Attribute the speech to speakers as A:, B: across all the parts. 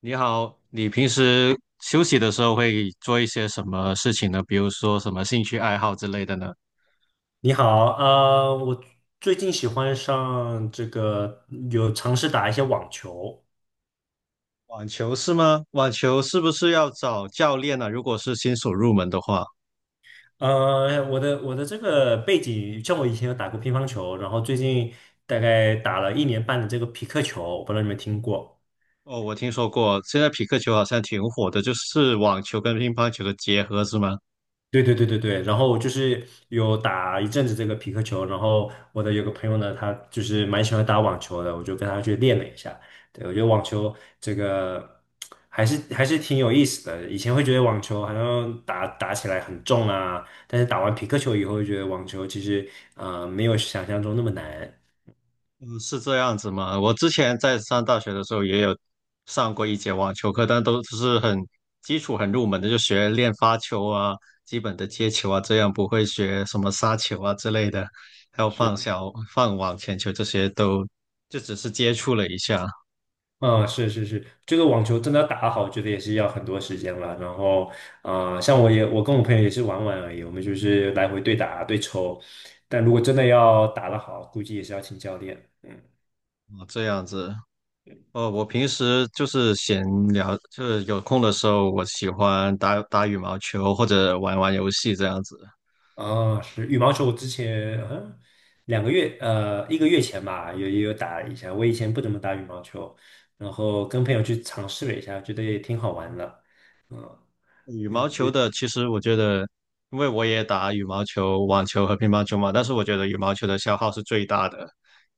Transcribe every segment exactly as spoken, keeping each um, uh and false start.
A: 你好，你平时休息的时候会做一些什么事情呢？比如说什么兴趣爱好之类的呢？
B: 你好，呃，我最近喜欢上这个，有尝试打一些网球。
A: 网球是吗？网球是不是要找教练呢？如果是新手入门的话，
B: 呃，我的我的这个背景，像我以前有打过乒乓球，然后最近大概打了一年半的这个匹克球，我不知道你们听过。
A: 哦，我听说过，现在匹克球好像挺火的，就是网球跟乒乓球的结合，是吗？
B: 对对对对对，然后就是有打一阵子这个皮克球，然后我的有个朋友呢，他就是蛮喜欢打网球的，我就跟他去练了一下。对，我觉得网球这个还是还是挺有意思的。以前会觉得网球好像打打起来很重啊，但是打完皮克球以后，就觉得网球其实呃没有想象中那么难。
A: 嗯，是这样子吗？我之前在上大学的时候也有上过一节网球课，但都是很基础、很入门的，就学练发球啊、基本的接球啊，这样不会学什么杀球啊之类的，还有放
B: 是。
A: 小、放网前球这些都就只是接触了一下。
B: 嗯，是是是，这个网球真的要打好，我觉得也是要很多时间了。然后，啊，像我也，我跟我朋友也是玩玩而已，我们就是来回对打对抽。但如果真的要打得好，估计也是要请教练。嗯，
A: 哦，这样子。哦，我平时就是闲聊，就是有空的时候，我喜欢打打羽毛球或者玩玩游戏这样子。
B: 啊，是羽毛球，我之前嗯两个月，呃，一个月前吧，有也有打一下。我以前不怎么打羽毛球，然后跟朋友去尝试了一下，觉得也挺好玩的。嗯，
A: 羽毛球的，其实我觉得，因为我也打羽毛球、网球和乒乓球嘛，但是我觉得羽毛球的消耗是最大的，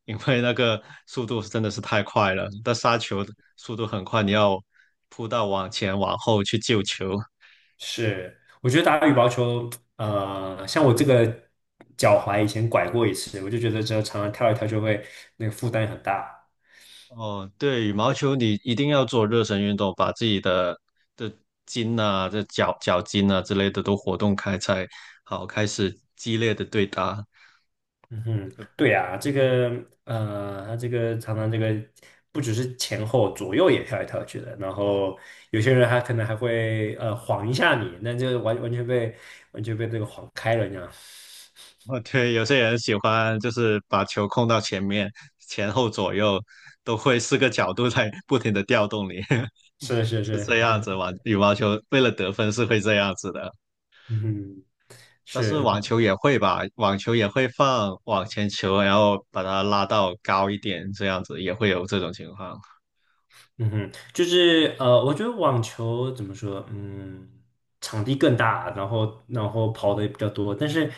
A: 因为那个速度是真的是太快了，那杀球的速度很快，你要扑到网前、往后去救球。
B: 是，我觉得打羽毛球，呃，像我这个脚踝以前拐过一次，我就觉得这常常跳一跳就会那个负担很大。
A: 哦，对，羽毛球你一定要做热身运动，把自己的的筋啊、这脚脚筋啊之类的都活动开，才好开始激烈的对打。
B: 嗯哼，对呀，这个呃，他这个常常这个不只是前后左右也跳来跳去的，然后有些人还可能还会呃晃一下你，那就完完全被完全被这个晃开了这样。
A: 哦，对，有些人喜欢就是把球控到前面、前后左右，都会四个角度在不停的调动你。
B: 是是是，
A: 啊，羽毛球为了得分是会这样子的，
B: 嗯哼，
A: 但是
B: 是。
A: 网球也会吧，网球也会放网前球，然后把它拉到高一点，这样子也会有这种情况。
B: 嗯哼，就是呃，我觉得网球怎么说，嗯，场地更大，然后然后跑的也比较多，但是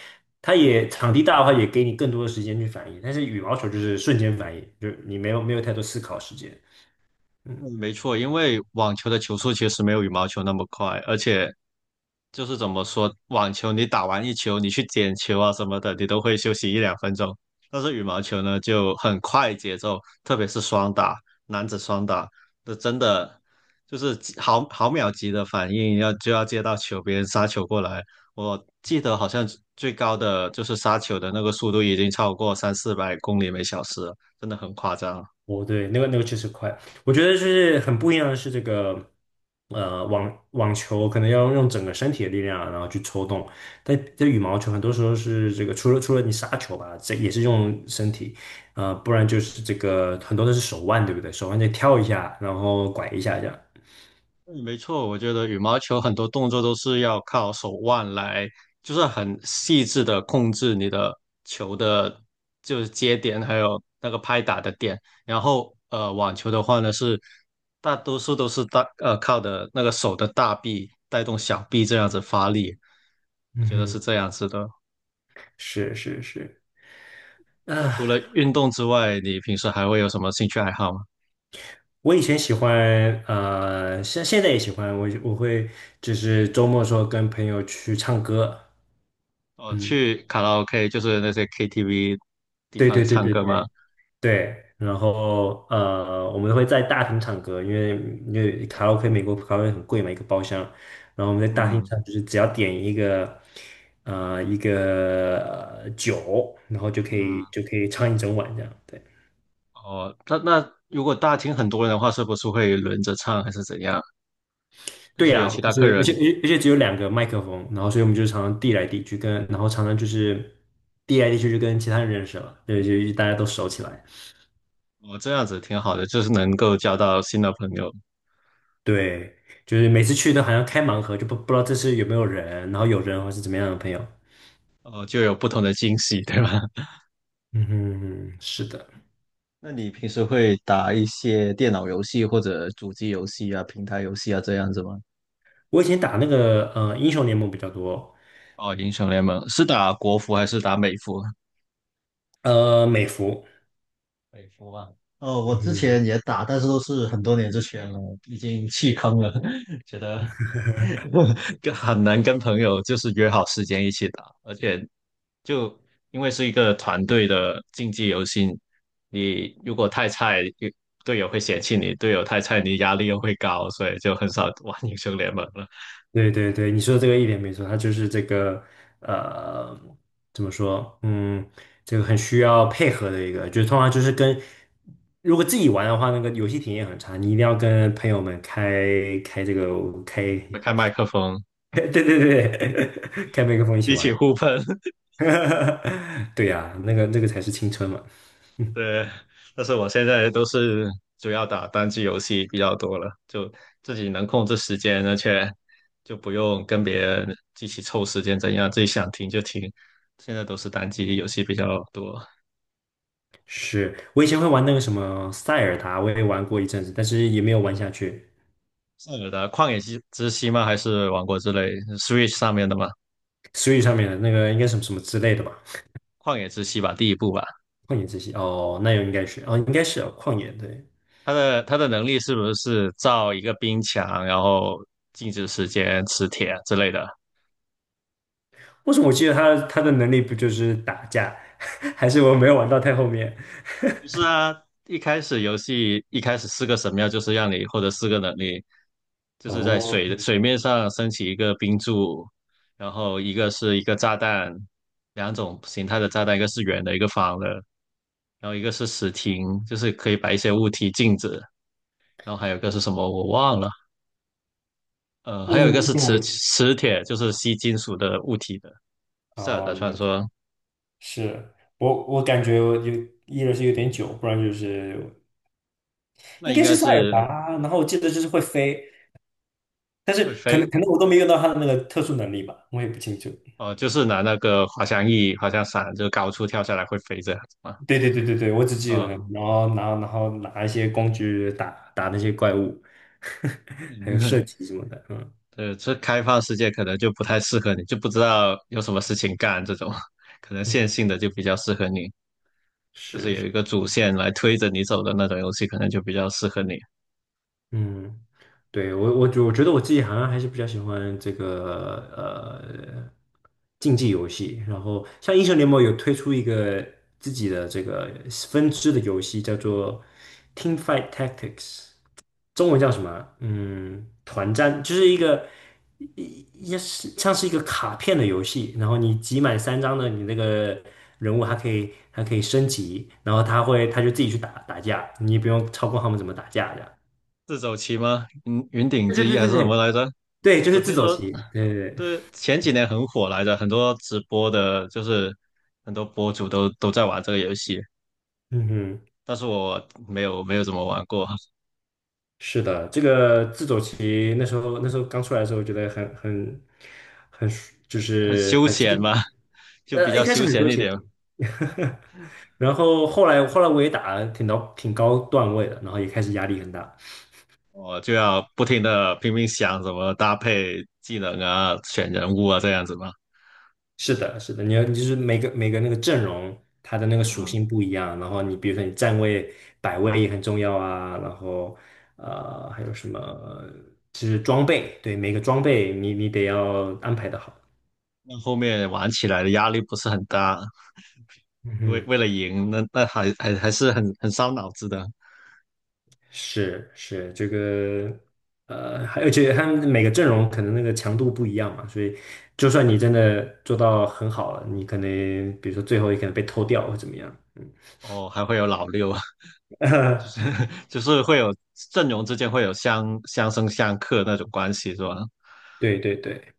B: 它也场地大的话，也给你更多的时间去反应，但是羽毛球就是瞬间反应，就是你没有没有太多思考时间。嗯。
A: 嗯，没错，因为网球的球速其实没有羽毛球那么快，而且就是怎么说，网球你打完一球，你去捡球啊什么的，你都会休息一两分钟。但是羽毛球呢，就很快节奏，特别是双打，男子双打，这真的就是几毫毫秒级的反应，要就要接到球，别人杀球过来。我记得好像最高的就是杀球的那个速度已经超过三四百公里每小时了，真的很夸张啊。
B: 哦，对，那个那个确实快。我觉得就是很不一样的是这个，呃，网网球可能要用整个身体的力量啊，然后去抽动，但这羽毛球很多时候是这个，除了除了你杀球吧，这也是用身体，呃，不然就是这个很多都是手腕，对不对？手腕得跳一下，然后拐一下这样。
A: 嗯，没错，我觉得羽毛球很多动作都是要靠手腕来，就是很细致的控制你的球的，就是接点，还有那个拍打的点。然后，呃，网球的话呢，是大多数都是大，呃，靠的那个手的大臂带动小臂这样子发力，我
B: 嗯
A: 觉得
B: 哼，
A: 是这样子的。
B: 是是是。
A: 那除了
B: 啊，
A: 运动之外，你平时还会有什么兴趣爱好吗？
B: 我以前喜欢，呃，现现在也喜欢，我我会就是周末的时候跟朋友去唱歌。
A: 哦，
B: 嗯，
A: 去卡拉 OK，就是那些 K T V 地
B: 对
A: 方
B: 对对
A: 唱
B: 对
A: 歌吗？
B: 对。对，然后呃，我们会在大厅唱歌，因为因为卡拉 OK 美国卡拉 OK 很贵嘛，一个包厢，然后我们在大厅
A: 嗯
B: 唱，就是只要点一个呃一个呃酒，然后就可以
A: 嗯。
B: 就可以唱一整晚这样。对
A: 哦，那那如果大厅很多人的话，是不是会轮着唱还是怎样？就
B: 对
A: 是有
B: 呀、
A: 其
B: 就
A: 他客
B: 是而
A: 人，
B: 且而且只有两个麦克风，然后所以我们就常常递来递去跟，然后常常就是递来递去就跟其他人认识了，对，就大家都熟起来。
A: 哦，这样子挺好的，就是能够交到新的朋友，
B: 对，就是每次去都好像开盲盒，就不不知道这是有没有人，然后有人或是怎么样的朋友。
A: 哦，就有不同的惊喜，对吧？
B: 嗯哼，是的，
A: 那你平时会打一些电脑游戏或者主机游戏啊、平台游戏啊这样子吗？
B: 我以前打那个呃英雄联盟比较多，
A: 哦，英雄联盟是打国服还是打美服？
B: 呃美服，
A: 可以说吧。哦，我之
B: 嗯，
A: 前也打，但是都是很多年之前了，已经弃坑了，觉得 跟很难跟朋友就是约好时间一起打，而且就因为是一个团队的竞技游戏，你如果太菜，队友会嫌弃你；队友太菜，你压力又会高，所以就很少玩英雄联盟了。
B: 对对对，你说的这个一点没错，它就是这个呃怎么说，嗯，这个很需要配合的一个，就是通常就是跟如果自己玩的话，那个游戏体验很差，你一定要跟朋友们开开这个开，
A: 开 麦克风，
B: 对对对，开麦克风一起
A: 一起
B: 玩，
A: 互喷。
B: 对呀、那个那个才是青春嘛。
A: 对，但是我现在都是主要打单机游戏比较多了，就自己能控制时间，而且就不用跟别人一起凑时间怎样，自己想停就停。现在都是单机游戏比较多。
B: 是我以前会玩那个什么塞尔达，我也玩过一阵子，但是也没有玩下去。
A: 塞尔的，旷野之之息吗？还是王国之泪 Switch 上面的吗？
B: Switch 上面的那个应该什么什么之类的吧？
A: 旷野之息吧，第一部吧。
B: 旷野之息哦，那应该是哦，应该是哦，旷野对。
A: 它的它的能力是不是造一个冰墙，然后静止时间、磁铁之类的？
B: 为什么我记得他他的能力不就是打架，还是我没有玩到太后面？
A: 不是啊，一开始游戏一开始四个神庙就是让你获得四个能力，就是在
B: 哦，
A: 水水面上升起一个冰柱，然后一个是一个炸弹，两种形态的炸弹，一个是圆的，一个方的，然后一个是石亭，就是可以摆一些物体静止，然后还有一个是什么我忘了，呃，
B: 为
A: 还有
B: 什
A: 一
B: 么
A: 个
B: 为
A: 是
B: 什么
A: 磁
B: 我？
A: 磁铁，就是吸金属的物体的。塞尔
B: 哦，
A: 达传
B: 了解
A: 说
B: 是我我感觉我有一个是有点久，不然就是
A: 那
B: 应
A: 应
B: 该是
A: 该
B: 塞尔
A: 是
B: 达，然后我记得就是会飞，但
A: 会
B: 是可能
A: 飞，
B: 可能我都没用到他的那个特殊能力吧，我也不清楚。
A: 哦，就是拿那个滑翔翼、滑翔伞，就高处跳下来会飞这样子嘛。
B: 对对对对对，我只记得，
A: 啊、
B: 然后然后然后拿一些工具打打那些怪物，
A: 嗯，
B: 还有射 击什么的，嗯
A: 对，这开放世界可能就不太适合你，就不知道有什么事情干这种，可能线
B: 嗯，
A: 性的就比较适合你，就
B: 是
A: 是有
B: 是，
A: 一个主线来推着你走的那种游戏，可能就比较适合你。
B: 嗯，对我我觉我觉得我自己好像还是比较喜欢这个呃竞技游戏，然后像英雄联盟有推出一个自己的这个分支的游戏，叫做 Team Fight Tactics。中文叫什么啊嗯，团战就是一个一也是像是一个卡片的游戏，然后你集满三张的，你那个人物还可以还可以升级，然后他会他就自己去打打架，你也不用操控他们怎么打架的。
A: 自走棋吗？云云顶
B: 对
A: 之
B: 对
A: 弈
B: 对
A: 还
B: 对
A: 是什么
B: 对
A: 来着？
B: 对，就
A: 我
B: 是自
A: 听
B: 走
A: 说，
B: 棋。对对对，
A: 对，前几年很火来着，很多直播的，就是很多博主都都在玩这个游戏，
B: 嗯哼，
A: 但是我没有没有怎么玩过。
B: 是的，这个自走棋那时候那时候刚出来的时候，觉得很很很就
A: 很
B: 是
A: 休
B: 很新
A: 闲嘛，
B: 奇
A: 就比
B: 呃，一
A: 较
B: 开始
A: 休
B: 很
A: 闲
B: 纠
A: 一
B: 结，
A: 点。
B: 然后后来后来我也打了挺到挺高段位的，然后也开始压力很大。
A: 我就要不停的拼命想怎么搭配技能啊、选人物啊这样子嘛。
B: 是的，是的，你要就是每个每个那个阵容，它的那个属
A: 嗯，
B: 性不一样，然后你比如说你站位摆位也很重要啊，然后呃还有什么就是装备，对每个装备你你得要安排的好。
A: 那后面玩起来的压力不是很大，
B: 嗯
A: 为
B: 哼。
A: 为了赢，那那还还还是很很伤脑子的。
B: 是是这个，呃，还而且他们每个阵容可能那个强度不一样嘛，所以就算你真的做到很好了，你可能比如说最后也可能被偷掉或怎么样，嗯，
A: 哦，还会有老六啊，就是 就是会有阵容之间会有相相生相克那种关系，是吧？
B: 对对对，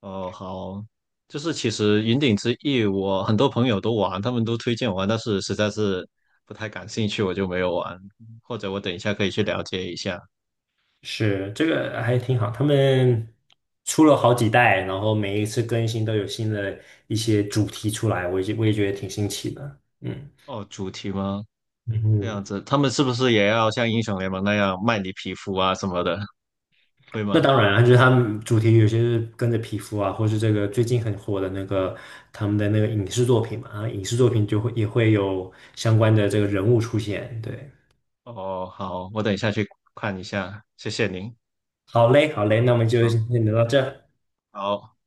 A: 哦，好，就是其实云顶之弈，我很多朋友都玩，他们都推荐我玩，但是实在是不太感兴趣，我就没有玩。或者我等一下可以去了解一下。
B: 是这个还挺好，他们出了好几代，然后每一次更新都有新的一些主题出来，我也我也觉得挺新奇的，嗯
A: 哦，主题吗？
B: 嗯
A: 这样
B: 哼
A: 子，他们是不是也要像英雄联盟那样卖你皮肤啊什么的？会
B: 那
A: 吗？
B: 当然啊，就是他们主题有些是跟着皮肤啊，或是这个最近很火的那个他们的那个影视作品嘛，啊，影视作品就会也会有相关的这个人物出现。对，
A: 哦，好，我等一下去看一下，谢谢您。
B: 好嘞，好嘞，那我们就先
A: 嗯，
B: 聊到这。
A: 好。